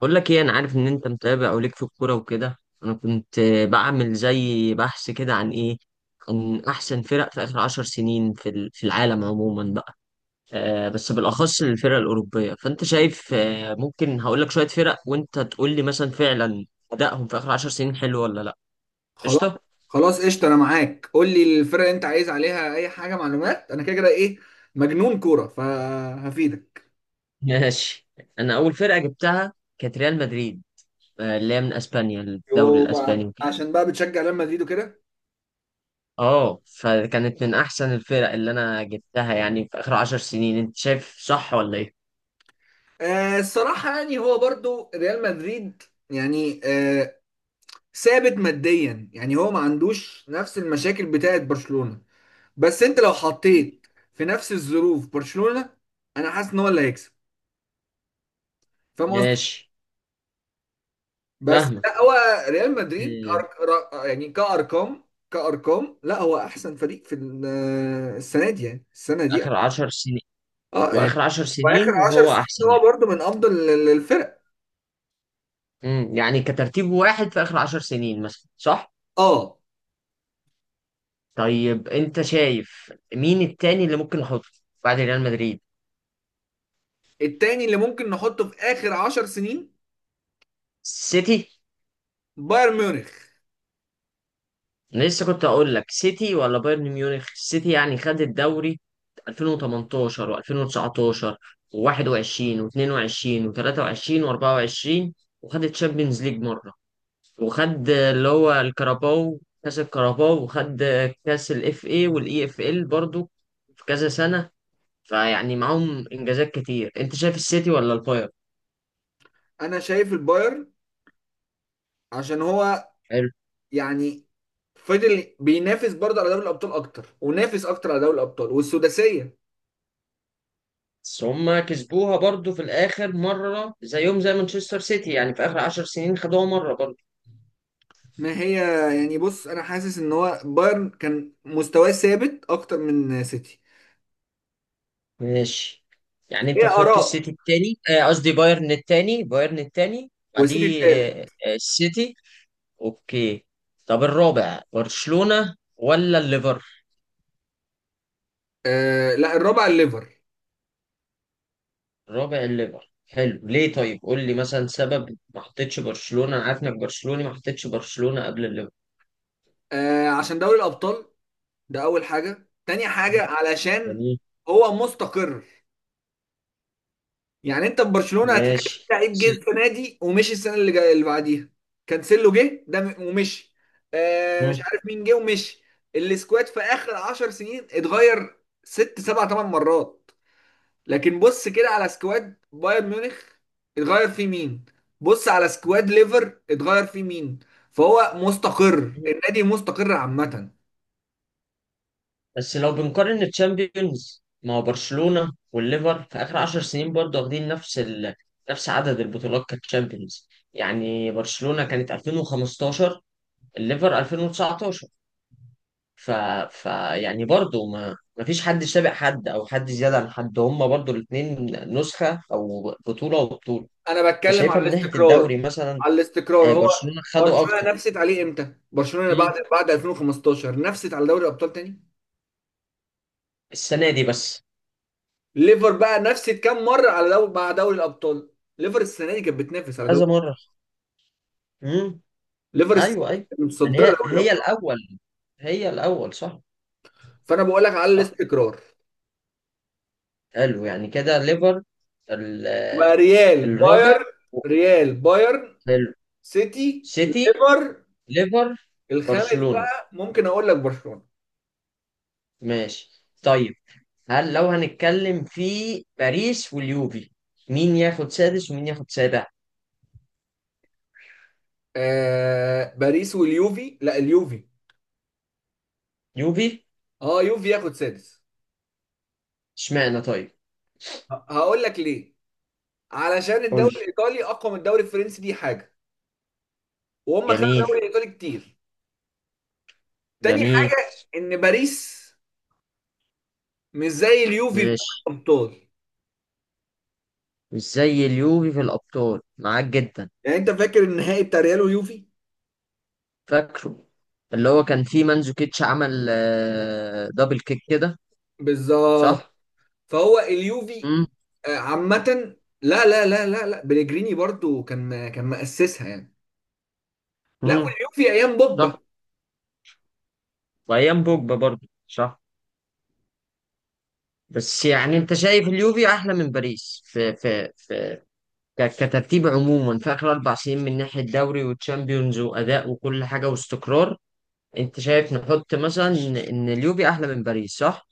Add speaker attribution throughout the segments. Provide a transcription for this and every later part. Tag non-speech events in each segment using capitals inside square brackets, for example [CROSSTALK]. Speaker 1: بقول لك ايه، انا عارف ان انت متابع او ليك في الكوره وكده. انا كنت بعمل زي بحث كده عن احسن فرق في اخر 10 سنين في العالم عموما بقى. بس بالاخص الفرق الاوروبيه. فانت شايف، ممكن هقول لك شويه فرق وانت تقول لي مثلا فعلا ادائهم في اخر 10 سنين حلو ولا لا.
Speaker 2: خلاص
Speaker 1: قشطه.
Speaker 2: خلاص قشطه، انا معاك. قول لي الفرقه اللي انت عايز عليها، اي حاجه معلومات. انا كده كده ايه، مجنون كوره فهفيدك.
Speaker 1: [LAUGHS] ماشي. انا اول فرقه جبتها كانت ريال مدريد، اللي هي من اسبانيا الدوري
Speaker 2: يو بقى
Speaker 1: الاسباني.
Speaker 2: عشان بقى بتشجع ريال مدريد وكده.
Speaker 1: اه فكانت من احسن الفرق اللي انا جبتها يعني في اخر 10 سنين، انت شايف صح ولا ايه؟
Speaker 2: آه الصراحه يعني هو برضو ريال مدريد، يعني آه، ثابت ماديا. يعني هو ما عندوش نفس المشاكل بتاعه برشلونه. بس انت لو حطيت في نفس الظروف برشلونه، انا حاسس ان هو اللي هيكسب. فاهم؟
Speaker 1: ماشي،
Speaker 2: بس
Speaker 1: فاهمك.
Speaker 2: لا هو ريال مدريد
Speaker 1: إيه،
Speaker 2: يعني كأرقام. كأرقام لا هو أحسن فريق في السنة دي، يعني السنة دي.
Speaker 1: اخر 10 سنين.
Speaker 2: اه يعني،
Speaker 1: واخر عشر
Speaker 2: وآخر
Speaker 1: سنين
Speaker 2: 10
Speaker 1: هو احسن
Speaker 2: سنين هو
Speaker 1: يعني.
Speaker 2: برضو من أفضل الفرق.
Speaker 1: يعني كترتيب واحد في اخر 10 سنين مثلا، صح؟
Speaker 2: اه
Speaker 1: طيب انت شايف مين التاني اللي ممكن نحطه بعد ريال مدريد؟
Speaker 2: التاني اللي ممكن نحطه في آخر 10 سنين
Speaker 1: سيتي.
Speaker 2: بايرن ميونخ.
Speaker 1: أنا لسه كنت اقول لك سيتي ولا بايرن ميونخ. سيتي يعني خد الدوري 2018 و2019 و21 و22 و23 و24، وخد الشامبيونز ليج مره، وخد اللي هو الكاراباو كاس الكاراباو، وخد كاس الاف اي والاي اف ال برضو في كذا سنه. فيعني معاهم انجازات كتير. انت شايف السيتي ولا البايرن؟
Speaker 2: أنا شايف البايرن عشان هو
Speaker 1: حلو.
Speaker 2: يعني فضل بينافس برضه على دوري الأبطال أكتر، ونافس أكتر على دوري الأبطال والسداسية.
Speaker 1: بس هما كسبوها برضو في الاخر مره، زيهم زي مانشستر سيتي، يعني في اخر 10 سنين خدوها مره برضو.
Speaker 2: ما هي يعني، بص انا حاسس ان هو بايرن كان مستواه ثابت اكتر من سيتي.
Speaker 1: ماشي. يعني انت
Speaker 2: هي
Speaker 1: تحط
Speaker 2: اراء.
Speaker 1: السيتي التاني، قصدي بايرن التاني،
Speaker 2: والسيتي
Speaker 1: بعديه،
Speaker 2: الثالث.
Speaker 1: السيتي. اوكي. طب الرابع برشلونة ولا الليفر؟
Speaker 2: آه لا، الرابع الليفر.
Speaker 1: الرابع الليفر، حلو. ليه طيب؟ قول لي مثلا سبب ما حطيتش برشلونة. انا عارف انك برشلوني، ما حطيتش برشلونة قبل الليفر.
Speaker 2: آه عشان دوري الابطال، ده اول حاجه. تاني حاجه علشان
Speaker 1: جميل.
Speaker 2: هو مستقر. يعني انت في برشلونه هتلاقي في
Speaker 1: ماشي
Speaker 2: لعيب
Speaker 1: س-
Speaker 2: جه السنه دي ومشي السنه اللي جايه اللي بعديها. كانسيلو جه ده ومشي. آه مش
Speaker 1: مم.
Speaker 2: عارف مين جه ومشي. السكواد في اخر 10 سنين اتغير ست سبع ثمان مرات. لكن بص كده على سكواد بايرن ميونخ، اتغير فيه مين؟ بص على سكواد ليفر، اتغير فيه مين؟ فهو مستقر، النادي مستقر عامة.
Speaker 1: بس لو بنقارن الشامبيونز، ما هو برشلونة والليفر في آخر 10 سنين برضه واخدين نفس ال... نفس عدد البطولات كتشامبيونز. يعني برشلونة كانت 2015، الليفر 2019. ف... ف يعني برضه ما فيش حد سابق حد أو حد زيادة عن حد، هما برضه الاتنين نسخة أو بطولة وبطولة.
Speaker 2: انا بتكلم على
Speaker 1: فشايفها من ناحية
Speaker 2: الاستقرار.
Speaker 1: الدوري مثلا.
Speaker 2: على الاستقرار هو.
Speaker 1: برشلونة خدوا أكتر.
Speaker 2: برشلونة نفست عليه امتى؟ برشلونة
Speaker 1: مم.
Speaker 2: بعد 2015 نفست على دوري الابطال تاني؟
Speaker 1: السنة دي بس.
Speaker 2: ليفر بقى نفست كام مرة على دوري مع دوري الابطال؟ ليفر السنة دي كانت بتنافس على
Speaker 1: كذا
Speaker 2: دوري.
Speaker 1: مرة. مم.
Speaker 2: ليفر السنة
Speaker 1: أيوه
Speaker 2: دي
Speaker 1: أيوه.
Speaker 2: كانت
Speaker 1: يعني
Speaker 2: متصدرة
Speaker 1: هي
Speaker 2: دوري
Speaker 1: هي
Speaker 2: الابطال.
Speaker 1: الأول. هي الأول صح.
Speaker 2: فانا بقول لك على
Speaker 1: صح.
Speaker 2: الاستقرار.
Speaker 1: حلو، يعني كده ليفر ال-
Speaker 2: بقى ريال
Speaker 1: الرابع.
Speaker 2: بايرن، ريال بايرن،
Speaker 1: حلو.
Speaker 2: سيتي
Speaker 1: سيتي،
Speaker 2: ليفر.
Speaker 1: ليفر،
Speaker 2: الخامس
Speaker 1: برشلونة.
Speaker 2: بقى ممكن اقول لك برشلونة.
Speaker 1: ماشي طيب. هل لو هنتكلم في باريس واليوفي، مين ياخد سادس ومين ياخد سابع؟
Speaker 2: آه باريس واليوفي، لا اليوفي.
Speaker 1: يوفي.
Speaker 2: اه يوفي ياخد سادس.
Speaker 1: اشمعنى طيب؟
Speaker 2: هقول لك ليه. علشان
Speaker 1: قول
Speaker 2: الدوري
Speaker 1: لي.
Speaker 2: الايطالي اقوى من الدوري الفرنسي، دي حاجه. وهم خدوا
Speaker 1: جميل.
Speaker 2: الدوري الايطالي كتير. تاني
Speaker 1: جميل.
Speaker 2: حاجه ان باريس مش زي اليوفي بتاع
Speaker 1: ماشي،
Speaker 2: الابطال.
Speaker 1: مش زي اليوفي في الأبطال، معاك جدا.
Speaker 2: يعني انت فاكر النهائي بتاع ريال ويوفي؟
Speaker 1: فاكره. اللي هو كان فيه مانزوكيتش عمل دبل كيك كده.
Speaker 2: بالظبط.
Speaker 1: صح؟
Speaker 2: فهو اليوفي.
Speaker 1: مم.
Speaker 2: عامه، لا لا لا لا لا، بليجريني برضو كان مؤسسها يعني. لا،
Speaker 1: مم.
Speaker 2: والعيوب في ايام بوجبا.
Speaker 1: صح. وايام بوجبا برضه صح. بس يعني انت شايف اليوفي احلى من باريس في كترتيب عموما في اخر 4 سنين من ناحيه دوري وتشامبيونز واداء وكل حاجه واستقرار. انت شايف نحط مثلا إن اليوفي احلى من باريس، صح؟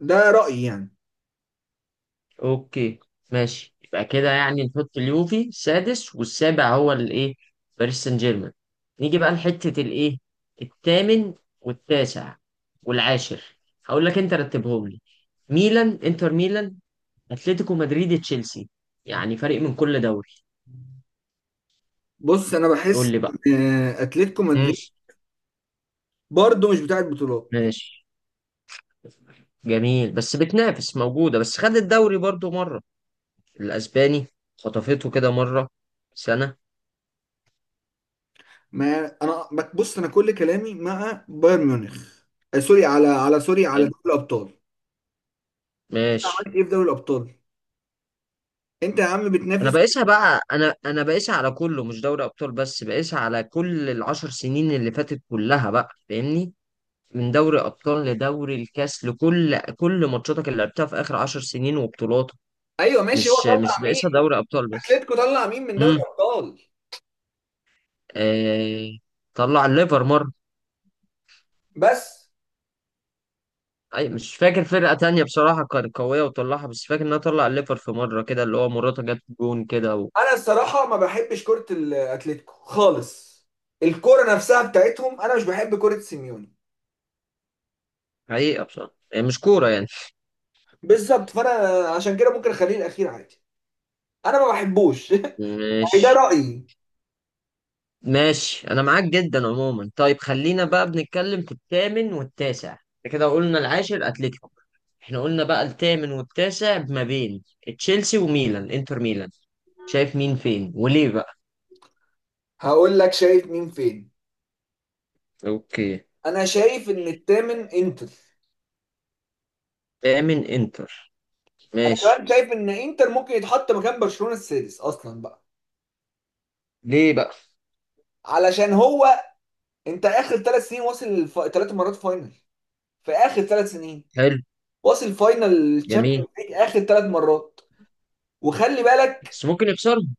Speaker 2: ده رايي يعني.
Speaker 1: اوكي. ماشي، يبقى كده يعني نحط اليوفي سادس. والسابع هو الايه؟ باريس سان جيرمان. نيجي بقى لحته الايه، الثامن والتاسع والعاشر؟ هقول لك، انت رتبهم لي. ميلان انتر ميلان، اتلتيكو مدريد، تشيلسي. يعني فريق من كل دوري.
Speaker 2: بص انا
Speaker 1: قول
Speaker 2: بحس
Speaker 1: لي بقى.
Speaker 2: إن اتلتيكو
Speaker 1: مم.
Speaker 2: مدريد برضه مش بتاعت بطولات.
Speaker 1: ماشي. جميل بس بتنافس، موجودة بس خد الدوري برضو مرة، الأسباني، خطفته كده مرة سنة.
Speaker 2: ما انا بص انا كل كلامي مع بايرن ميونخ. سوري على سوري على
Speaker 1: حلو.
Speaker 2: دوري الابطال. انت
Speaker 1: ماشي.
Speaker 2: عملت ايه في دوري الابطال؟ انت يا عم
Speaker 1: أنا
Speaker 2: بتنافس.
Speaker 1: بقيسها بقى، أنا بقيسها على كله مش دوري أبطال بس. بقيسها على كل العشر سنين اللي فاتت كلها بقى، فاهمني؟ من دوري أبطال لدوري الكاس لكل كل ماتشاتك اللي لعبتها في آخر 10 سنين وبطولاتك.
Speaker 2: ايوه ماشي، هو
Speaker 1: مش
Speaker 2: طلع
Speaker 1: بقيسها
Speaker 2: مين؟
Speaker 1: دوري أبطال بس.
Speaker 2: اتلتيكو طلع مين من دوري الابطال؟
Speaker 1: آه، طلع الليفر مرة.
Speaker 2: بس.
Speaker 1: أي مش فاكر فرقة تانية بصراحة كانت قوية وطلعها، بس فاكر إنها طلع الليفر في مرة كده، اللي هو مراته جت جون كده و...
Speaker 2: انا الصراحه ما بحبش كره الاتلتيكو خالص. الكره نفسها بتاعتهم انا مش بحب كره سيميوني.
Speaker 1: حقيقة بصراحة هي مش كورة يعني.
Speaker 2: بالظبط. فانا عشان كده ممكن اخليه الاخير عادي. انا ما بحبوش [LAUGHS] يعني ده
Speaker 1: ماشي.
Speaker 2: رايي.
Speaker 1: ماشي أنا معاك جدا عموما. طيب خلينا بقى بنتكلم في الثامن والتاسع، إحنا كده قلنا العاشر أتلتيكو. إحنا قلنا بقى الثامن والتاسع ما بين تشيلسي وميلان إنتر ميلان. شايف مين فين وليه بقى؟
Speaker 2: هقول لك شايف مين فين.
Speaker 1: اوكي.
Speaker 2: انا شايف ان الثامن انتر.
Speaker 1: تامن انتر،
Speaker 2: انا
Speaker 1: ماشي.
Speaker 2: كمان شايف ان انتر ممكن يتحط مكان برشلونة السادس اصلا بقى.
Speaker 1: ليه بقى؟
Speaker 2: علشان هو، انت اخر 3 سنين واصل ثلاث مرات فاينل في اخر ثلاث سنين.
Speaker 1: حلو.
Speaker 2: واصل فاينل
Speaker 1: جميل.
Speaker 2: تشامبيونز ليج اخر 3 مرات. وخلي بالك
Speaker 1: بس ممكن يكسرهم.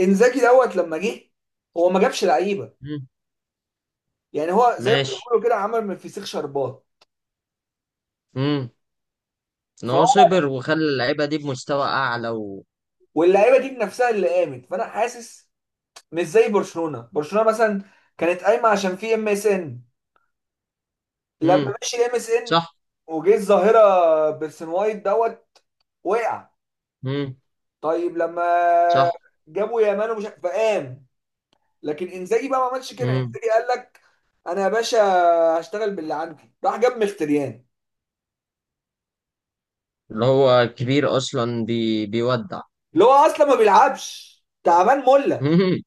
Speaker 2: انزاجي دوت لما جه، هو ما جابش لعيبه.
Speaker 1: مم.
Speaker 2: يعني هو زي ما
Speaker 1: ماشي.
Speaker 2: بيقولوا كده، عمل من الفسيخ شربات.
Speaker 1: مم. ان
Speaker 2: فهو،
Speaker 1: هو صبر وخلى اللعيبه دي بمستوى اعلى و...
Speaker 2: واللعيبه دي بنفسها اللي قامت، فانا حاسس. مش زي برشلونه. برشلونه مثلا كانت قايمه عشان في ام اس ان. لما
Speaker 1: مم.
Speaker 2: مشي ام اس ان،
Speaker 1: صح.
Speaker 2: وجه الظاهره بيرسن وايت دوت، وقع.
Speaker 1: مم.
Speaker 2: طيب لما
Speaker 1: صح.
Speaker 2: جابوا يامال ومش فقام. لكن انزاجي بقى ما عملش كده.
Speaker 1: مم.
Speaker 2: انزاجي قال لك انا يا باشا هشتغل باللي عندي، راح جاب مختريان
Speaker 1: اللي هو كبير اصلا بيودع.
Speaker 2: اللي هو اصلا ما بيلعبش، تعبان مله.
Speaker 1: مم.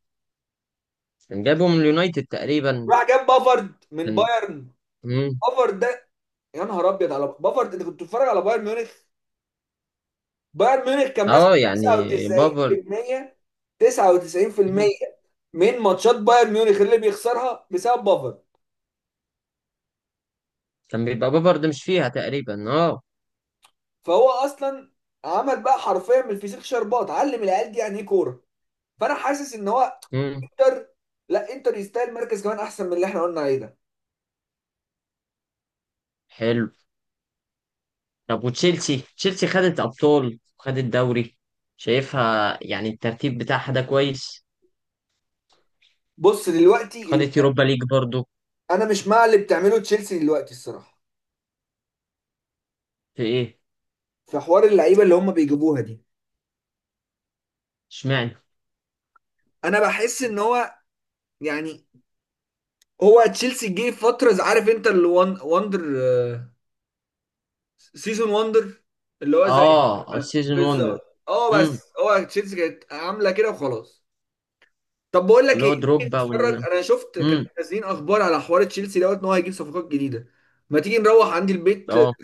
Speaker 1: كان جابه من اليونايتد تقريبا.
Speaker 2: راح جاب بافارد من
Speaker 1: كان.
Speaker 2: بايرن.
Speaker 1: مم.
Speaker 2: بافارد ده، يا نهار ابيض على بافارد. انت كنت بتتفرج على بايرن ميونخ؟ بايرن ميونخ كان مثلا
Speaker 1: اه يعني بافارد.
Speaker 2: 99%،
Speaker 1: مم.
Speaker 2: 99% من ماتشات بايرن ميونخ اللي بيخسرها بسبب بافر.
Speaker 1: كان بيبقى بافارد مش فيها تقريبا اه.
Speaker 2: فهو اصلا عمل بقى حرفيا من الفسيخ شربات، علم العيال دي يعني ايه كوره. فانا حاسس ان هو
Speaker 1: مم.
Speaker 2: انتر. لا، انتر يستاهل مركز كمان احسن من اللي احنا قلنا عليه ده.
Speaker 1: حلو. طب وتشيلسي، تشيلسي خدت ابطال وخدت دوري. شايفها يعني الترتيب بتاعها ده كويس.
Speaker 2: بص دلوقتي اللي...
Speaker 1: خدت يوروبا ليج برضو.
Speaker 2: انا مش مع اللي بتعمله تشيلسي دلوقتي الصراحه.
Speaker 1: في ايه؟
Speaker 2: في حوار اللعيبه اللي هم بيجيبوها دي.
Speaker 1: اشمعنى؟
Speaker 2: انا بحس ان هو يعني، هو تشيلسي جه فتره، عارف انت الوان واندر، سيزون وندر، اللي هو زي.
Speaker 1: اه السيزون 1 ده.
Speaker 2: بالظبط، اه،
Speaker 1: امم.
Speaker 2: بس هو تشيلسي كانت عامله كده وخلاص. طب بقول لك
Speaker 1: اللي
Speaker 2: ايه،
Speaker 1: هو
Speaker 2: تيجي
Speaker 1: دروجبا
Speaker 2: تتفرج،
Speaker 1: وان.
Speaker 2: انا شفت كانوا
Speaker 1: امم.
Speaker 2: نازلين اخبار على حوار تشيلسي دوت ان هو هيجيب صفقات جديده. ما تيجي نروح عندي البيت
Speaker 1: اه.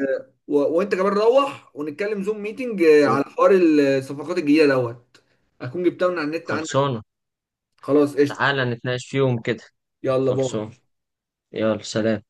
Speaker 2: و... وانت كمان روح، ونتكلم زوم ميتنج
Speaker 1: أوه.
Speaker 2: على حوار الصفقات الجديده دوت. اكون جبتها من على النت عندك.
Speaker 1: خلصانه.
Speaker 2: خلاص قشطه.
Speaker 1: تعالى نتناقش فيهم كده.
Speaker 2: يلا باي.
Speaker 1: خلصانه. يلا سلام.